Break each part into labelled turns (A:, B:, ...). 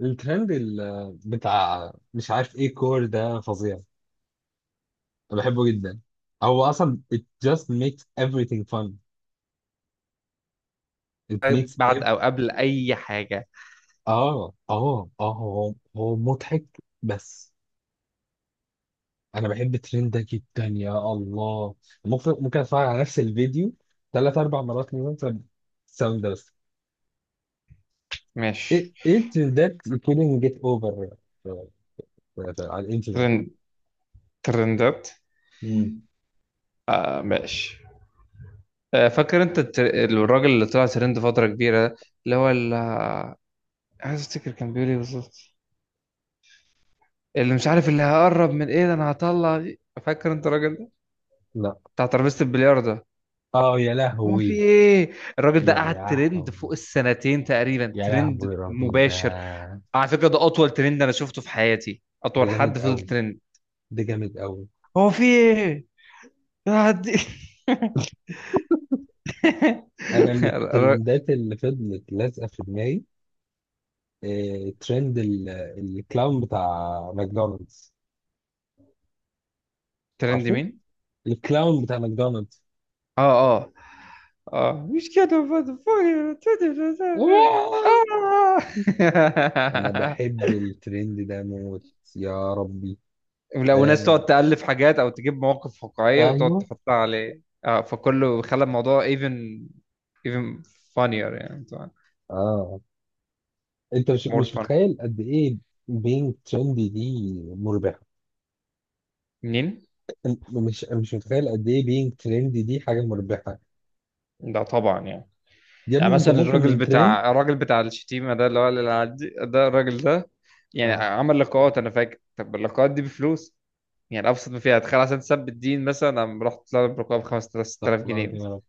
A: الترند بتاع مش عارف ايه كور ده فظيع. انا بحبه جدا. هو اصلا it just makes everything fun it makes
B: بعد
A: ev
B: او قبل اي حاجه؟
A: اه اه اه هو مضحك بس. انا بحب الترند ده جدا، يا الله. ممكن اتفرج على نفس الفيديو ثلاث اربع مرات من مثلا الساوند ده بس.
B: ماشي.
A: ايه الترندات you couldn't get over في- على الانترنت
B: ترند.
A: يعني؟
B: ترندات.
A: مم.
B: آه، ماشي. آه، فاكر انت الراجل اللي طلع ترند فتره كبيره ده؟ اللي هو ال... آه، عايز افتكر كان بيقول ايه بالظبط؟ اللي مش عارف اللي هقرب من ايه ده انا هطلع دي. فاكر انت الراجل ده؟
A: لا.
B: بتاع ترابيزه البلياردو ده.
A: اه يا
B: هو في
A: لهوي.
B: ايه؟ الراجل ده
A: يا
B: قعد ترند
A: لهوي،
B: فوق السنتين تقريبا،
A: يا
B: ترند
A: لهوي الراجل
B: مباشر.
A: ده.
B: على فكره ده اطول ترند انا شفته في حياتي،
A: ده
B: اطول
A: جامد
B: حد فضل
A: قوي،
B: ترند.
A: ده جامد قوي.
B: هو في ايه؟ يا عدي.
A: انا من
B: ر-
A: الترندات اللي فضلت لازقه في دماغي، آه، ترند الكلاون بتاع ماكدونالدز.
B: ترند
A: عارفه،
B: مين؟
A: الكلاون بتاع ماكدونالدز.
B: اه، اه، اه، مش كده motherfucker.
A: انا
B: اه.
A: بحب الترند ده موت، يا ربي.
B: لا، وناس
A: آه.
B: تقعد تألف حاجات او تجيب مواقف واقعية وتقعد
A: ايوه.
B: تحطها عليه، اه، فكله خلى الموضوع even even funnier، يعني طبعا.
A: اه، انت مش
B: more
A: مش
B: fun.
A: متخيل قد ايه بينج ترندي دي مربحه.
B: منين؟
A: أنت مش متخيل قد ايه بينج ترندي دي حاجه مربحه.
B: ده طبعا يعني.
A: يا
B: يعني
A: ابني انت
B: مثلا
A: ممكن
B: الراجل
A: من ترند.
B: بتاع الراجل بتاع الشتيمة ده، اللي هو اللي ده الراجل ده، يعني
A: اه.
B: عمل لقاءات انا فاكر. طب اللقاءات دي بفلوس، يعني ابسط ما فيها. تخيل عشان تثبت دين مثلا انا رحت طالب ركاب 5000
A: استغفر
B: 6000
A: الله
B: جنيه
A: العظيم يا
B: مثلا.
A: رب.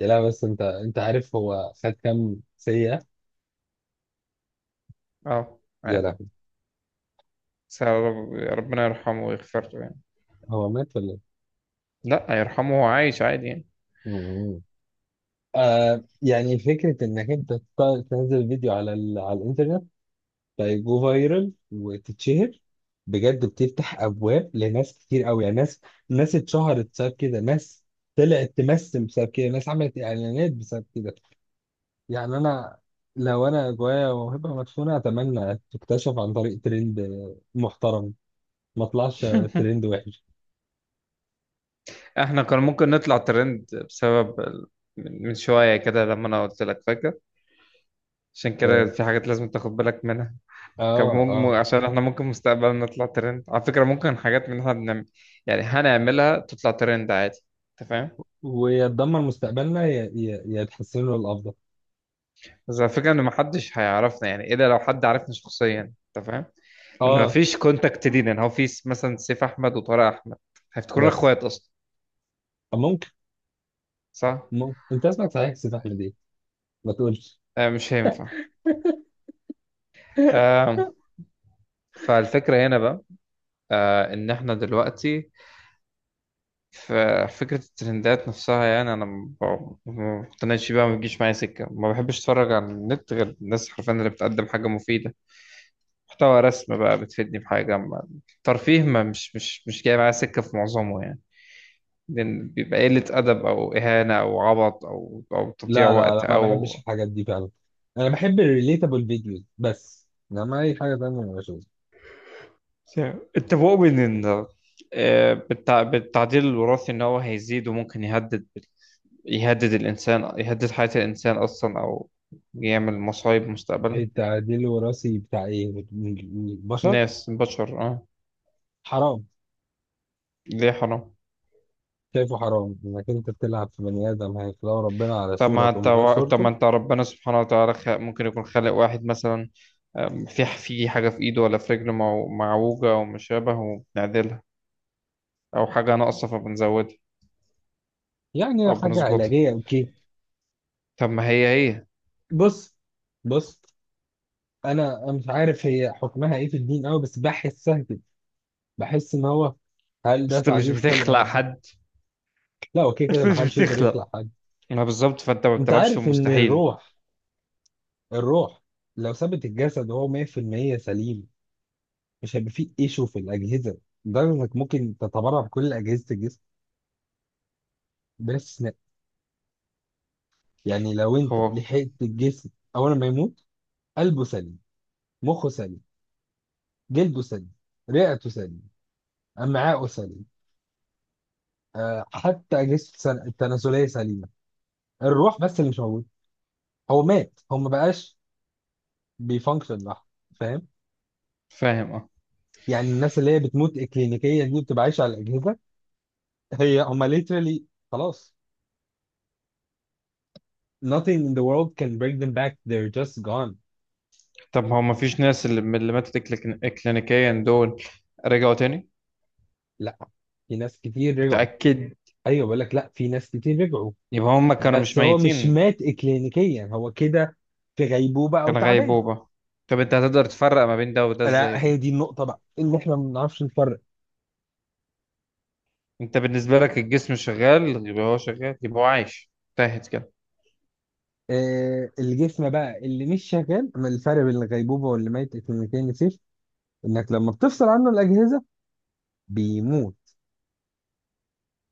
A: لا بس انت عارف هو خد كام سيئة.
B: اه،
A: يا
B: عارف.
A: لهوي.
B: بس يا ربنا يرحمه ويغفر له يعني.
A: هو مات ولا ايه؟
B: لا، يرحمه، هو عايش عادي يعني.
A: مم. آه، يعني فكرة انك انت تنزل فيديو على الانترنت، فيجو فايرال وتتشهر، بجد بتفتح ابواب لناس كتير قوي. يعني ناس، ناس اتشهرت بسبب كده، ناس طلعت تمثل بسبب كده، ناس عملت اعلانات بسبب كده. يعني انا، لو انا جوايا موهبة مدفونة اتمنى تكتشف عن طريق ترند محترم. ما طلعش ترند وحش.
B: احنا كان ممكن نطلع ترند بسبب من شوية كده لما انا قلت لك، فاكر؟ عشان كده
A: اه،
B: في حاجات لازم تاخد بالك منها. كان
A: اه،
B: ممكن،
A: آه.
B: عشان احنا ممكن مستقبلا نطلع ترند على فكرة. ممكن حاجات من اللي احنا بنعمل يعني هنعملها تطلع ترند عادي. انت فاهم؟
A: ويتدمر مستقبلنا يا يتحسن له الافضل.
B: بس الفكرة ان محدش هيعرفنا يعني، الا لو حد عرفنا شخصيا. انت فاهم؟ ان
A: اه
B: مفيش كونتاكت لينا، ان هو مثلا سيف احمد وطارق احمد، هيفتكرونا
A: بس.
B: اخوات اصلا.
A: ممكن
B: صح.
A: ممكن انت اسمك صحيح يا سيف احمد ايه؟ ما تقولش.
B: آه، مش هينفع. آه. فالفكره هنا بقى، آه، ان احنا دلوقتي في فكره الترندات نفسها. يعني انا ما بقتنعش بيها، ما بتجيش معايا سكه. ما بحبش اتفرج على النت غير الناس حرفيا اللي بتقدم حاجه مفيده، محتوى رسم بقى، بتفيدني بحاجه ترفيه. ما مش جاي معايا سكه في معظمه يعني. لأن بيبقى قلة أدب أو إهانة أو عبط أو تضييع
A: لا، لا،
B: وقت
A: لا، ما بحبش
B: أو...
A: الحاجات دي فعلا. انا بحب الريليتابل فيديوز بس، انما اي حاجه تانية ما بشوفها.
B: اتفقوا بين ان، آه، بالتعديل الوراثي ان هو هيزيد وممكن يهدد الانسان، يهدد حياة الانسان اصلا، او يعمل مصايب مستقبلا.
A: التعديل الوراثي بتاع ايه، من البشر؟
B: ناس بشر، اه.
A: حرام.
B: ليه حرام؟
A: شايفه حرام انك انت بتلعب في بني ادم، هيخلقه ربنا على صوره تقوم غير
B: طب ما
A: صورته.
B: انت ربنا سبحانه وتعالى ممكن يكون خالق واحد مثلا. في حاجة في ايده ولا في رجله معوجة او مشابه وبنعدلها، او حاجة ناقصة فبنزودها
A: يعني
B: او
A: حاجه
B: بنظبطها.
A: علاجيه اوكي.
B: طب ما هي
A: بص، بص، انا مش عارف هي حكمها ايه في الدين قوي بس بحسها كده. بحس ان هو، هل
B: بس
A: ده
B: انت مش
A: تعديل في خلق
B: بتخلق
A: ربنا؟
B: حد.
A: لا، هو كده كده
B: انت
A: ما
B: مش
A: حدش يقدر يخلق
B: بتخلق.
A: حد.
B: ما بالظبط، فانت ما
A: انت
B: بتلعبش في
A: عارف ان
B: المستحيل.
A: الروح لو ثبت الجسد وهو 100% سليم، مش هيبقى فيه ايشو في الاجهزه، لدرجه انك ممكن تتبرع بكل اجهزه الجسم بلا استثناء. يعني لو انت
B: هو
A: لحقت الجسم اول ما يموت، قلبه سليم، مخه سليم، جلده سليم، رئته سليم، امعاءه سليم، آه، حتى اجهزه التناسليه سليمه. الروح بس اللي مش موجود. هو مات، هو ما بقاش بيفانكشن لوحده. فاهم؟
B: فاهم، اه.
A: يعني الناس اللي هي بتموت اكلينيكيه دي بتبقى عايشه على الاجهزه. هي هم literally خلاص، nothing in the world can bring them back they're just gone.
B: طب هو ما فيش ناس اللي من اللي ماتت كلينيكيا دول رجعوا تاني؟
A: لا، في ناس كتير رجعوا.
B: متأكد؟
A: ايوه، بقول لك لا، في ناس كتير رجعوا.
B: يبقى هم كانوا مش
A: بس هو مش
B: ميتين.
A: مات اكلينيكيا، هو كده في غيبوبه او
B: كان
A: تعبان.
B: غيبوبة. طب انت هتقدر تفرق ما بين ده وده ازاي
A: لا،
B: بقى؟
A: هي دي النقطه بقى اللي احنا ما بنعرفش نفرق.
B: انت بالنسبة لك الجسم شغال يبقى هو شغال يبقى هو عايش. تاهت كده.
A: آه، الجسم بقى اللي مش شغال، ما الفرق بين الغيبوبه واللي ميت اكلينيكيا، نسيت انك لما بتفصل عنه الاجهزه بيموت.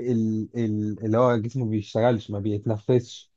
A: اللي هو جسمه بيشتغلش، ما بيتنفسش.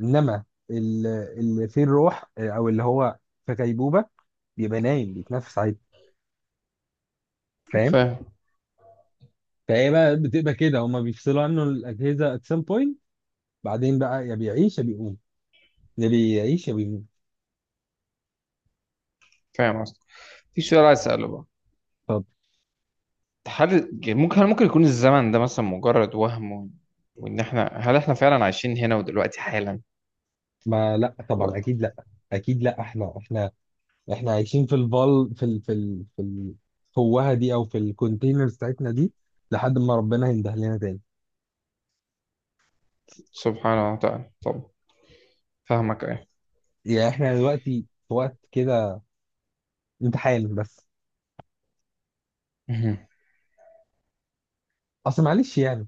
A: انما اللي فيه الروح، آه، او اللي هو في غيبوبه بيبقى نايم بيتنفس عادي. فاهم؟
B: فاهم.
A: فهي بقى بتبقى كده، هما بيفصلوا عنه الاجهزه at some point، بعدين بقى يا بيعيش يا بيقوم، يا بيعيش يا بيموت.
B: فاهم اصلا. في سؤال عايز اسأله بقى.
A: طب
B: هل ممكن، هل ممكن يكون الزمن ده مثلا مجرد وهم و... وان احنا، هل احنا فعلا عايشين هنا ودلوقتي حالا
A: ما لا، طبعا
B: و...
A: اكيد لا. اكيد لا، احنا عايشين في الفال، في الفوهه دي او في الكونتينرز بتاعتنا دي لحد ما ربنا ينده لنا تاني.
B: سبحانه وتعالى. طب، فاهمك ايه؟
A: يعني احنا دلوقتي في وقت كده امتحان بس.
B: مهم.
A: اصل معلش يعني.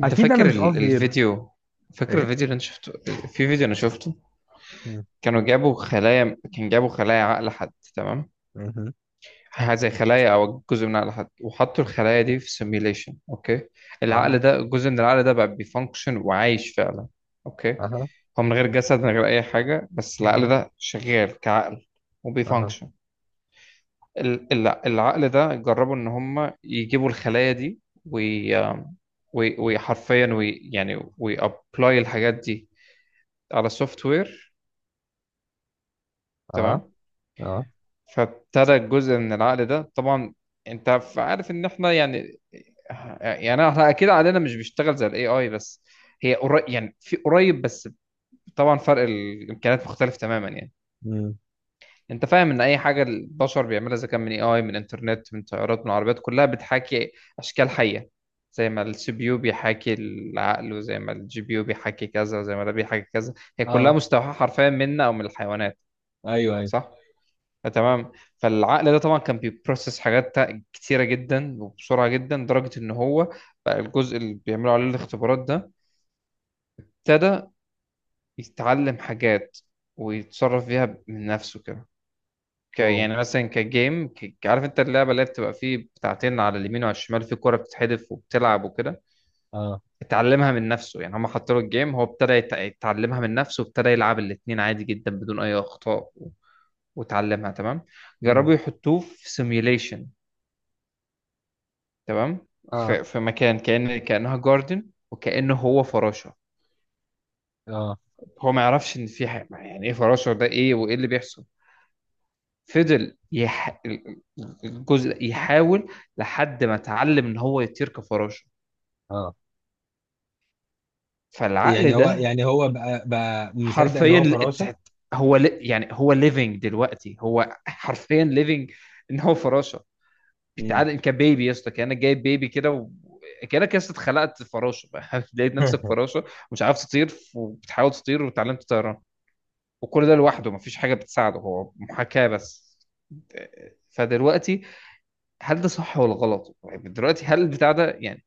B: انت
A: اكيد انا
B: فاكر
A: مش قصدي ايه
B: الفيديو؟ فاكر
A: ايه.
B: الفيديو اللي انا شفته؟ في فيديو انا شفته،
A: مم.
B: كان جابوا خلايا عقل حد، تمام؟
A: مهم.
B: حاجه زي خلايا او جزء من عقل حد، وحطوا الخلايا دي في سيميليشن، اوكي؟
A: اه.
B: العقل ده، جزء من العقل ده بقى بيفانكشن وعايش فعلا، اوكي؟
A: اها.
B: هو من غير جسد، من غير اي حاجه، بس العقل
A: اه.
B: ده شغال كعقل
A: اها.
B: وبيفانكشن. العقل ده جربوا ان هم يجيبوا الخلايا دي وي وحرفيا وي يعني ويابلاي الحاجات دي على سوفت وير،
A: اه.
B: تمام.
A: اه.
B: فابتدى جزء من العقل ده طبعا. انت عارف ان احنا يعني... يعني احنا اكيد عقلنا مش بيشتغل زي الاي اي، بس هي قريب، يعني في قريب بس. طبعا فرق الامكانيات مختلف تماما يعني.
A: مم.
B: انت فاهم ان اي حاجه البشر بيعملها اذا كان من اي اي، من انترنت، من طيارات، من عربيات، كلها بتحاكي اشكال حيه. زي ما السي بي يو بيحاكي العقل، وزي ما الجي بي يو بيحاكي كذا، وزي ما ده بيحاكي كذا. هي كلها
A: اه.
B: مستوحاه حرفيا منا او من الحيوانات.
A: ايوه، ايوه.
B: صح. آه، تمام. فالعقل ده طبعا كان بيبروسس حاجات كتيره جدا وبسرعه جدا، لدرجه ان هو بقى الجزء اللي بيعملوا عليه الاختبارات ده، ابتدى يتعلم حاجات ويتصرف فيها من نفسه كده.
A: واو.
B: يعني مثلا كجيم، عارف انت اللعبه اللي هي بتبقى فيه بتاعتين على اليمين وعلى الشمال، في كوره بتتحدف وبتلعب وكده؟
A: اه.
B: اتعلمها من نفسه، يعني هم حطوا له الجيم، هو ابتدى يتعلمها من نفسه، وابتدى يلعب الاتنين عادي جدا بدون اي اخطاء وتعلمها، تمام.
A: مم.
B: جربوا يحطوه في سيميوليشن، تمام.
A: اه،
B: في مكان كأن كأنها جاردن، وكأنه هو فراشة.
A: اه،
B: هو ما يعرفش ان في حاجة، يعني ايه فراشة، ده ايه وايه اللي بيحصل. فضل الجزء يحاول لحد ما اتعلم ان هو يطير كفراشه.
A: اه.
B: فالعقل
A: يعني هو
B: ده
A: يعني هو بقى مصدق ان
B: حرفيا
A: هو فراشه.
B: هو يعني هو ليفنج دلوقتي، هو حرفيا ليفنج ان هو فراشه.
A: مم.
B: بيتعامل كبيبي، يا اسطى كانك جايب بيبي كده كانك يا اسطى اتخلقت فراشه. لقيت نفسك فراشه ومش عارف تطير، وبتحاول تطير وتعلمت طيران. وكل ده لوحده، مفيش حاجه بتساعده، هو محاكاه بس. فدلوقتي، هل ده صح ولا غلط؟ طيب دلوقتي هل البتاع ده يعني،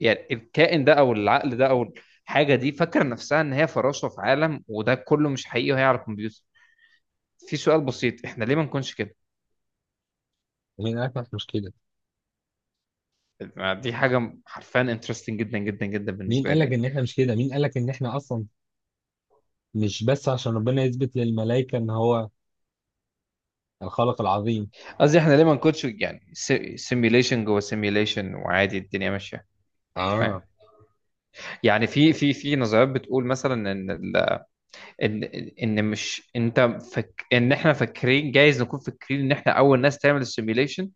B: يعني الكائن ده او العقل ده او الحاجه دي فاكره نفسها ان هي فراشه في عالم وده كله مش حقيقي وهي على الكمبيوتر؟ في سؤال بسيط، احنا ليه ما نكونش كده؟
A: مين قال لك إحنا مش كده؟
B: دي حاجه حرفيا انترستنج جدا جدا جدا
A: مين
B: بالنسبه
A: قال
B: لي
A: لك
B: يعني.
A: ان احنا مش كده؟ مين قال لك ان احنا اصلا مش بس عشان ربنا يثبت للملائكه ان هو الخالق العظيم.
B: قصدي احنا ليه ما نكونش يعني سيميليشن جوه سيميليشن، وعادي الدنيا ماشيه. أنت فاهم؟
A: اه،
B: يعني في نظريات بتقول مثلا ان ان ان مش انت... فك ان احنا فاكرين، جايز نكون فاكرين ان احنا اول ناس تعمل السيميليشن،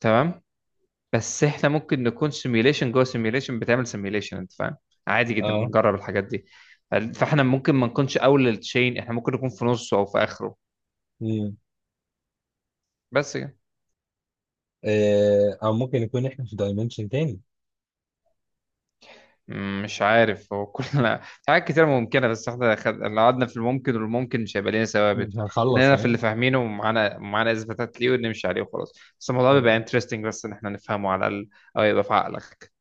B: تمام. بس احنا ممكن نكون سيميوليشن جوه سيميوليشن بتعمل سيميوليشن. انت فاهم؟ عادي جدا، بنجرب الحاجات دي. فاحنا ممكن ما نكونش اول للتشين، احنا ممكن نكون في نصه او في اخره.
A: اه،
B: بس كده.
A: آه، او ممكن يكون احنا في دايمنشن تاني.
B: مش عارف، هو كلنا حاجات كتير ممكنة، بس احنا لو قعدنا في الممكن والممكن مش هيبقى لنا
A: مش
B: ثوابت. احنا
A: هنخلص،
B: هنا في اللي
A: فاهم.
B: فاهمينه، ومعانا معانا اثباتات ليه، ونمشي عليه وخلاص. بس الموضوع بيبقى انترستنج، بس ان احنا نفهمه على الاقل، او يبقى في عقلك.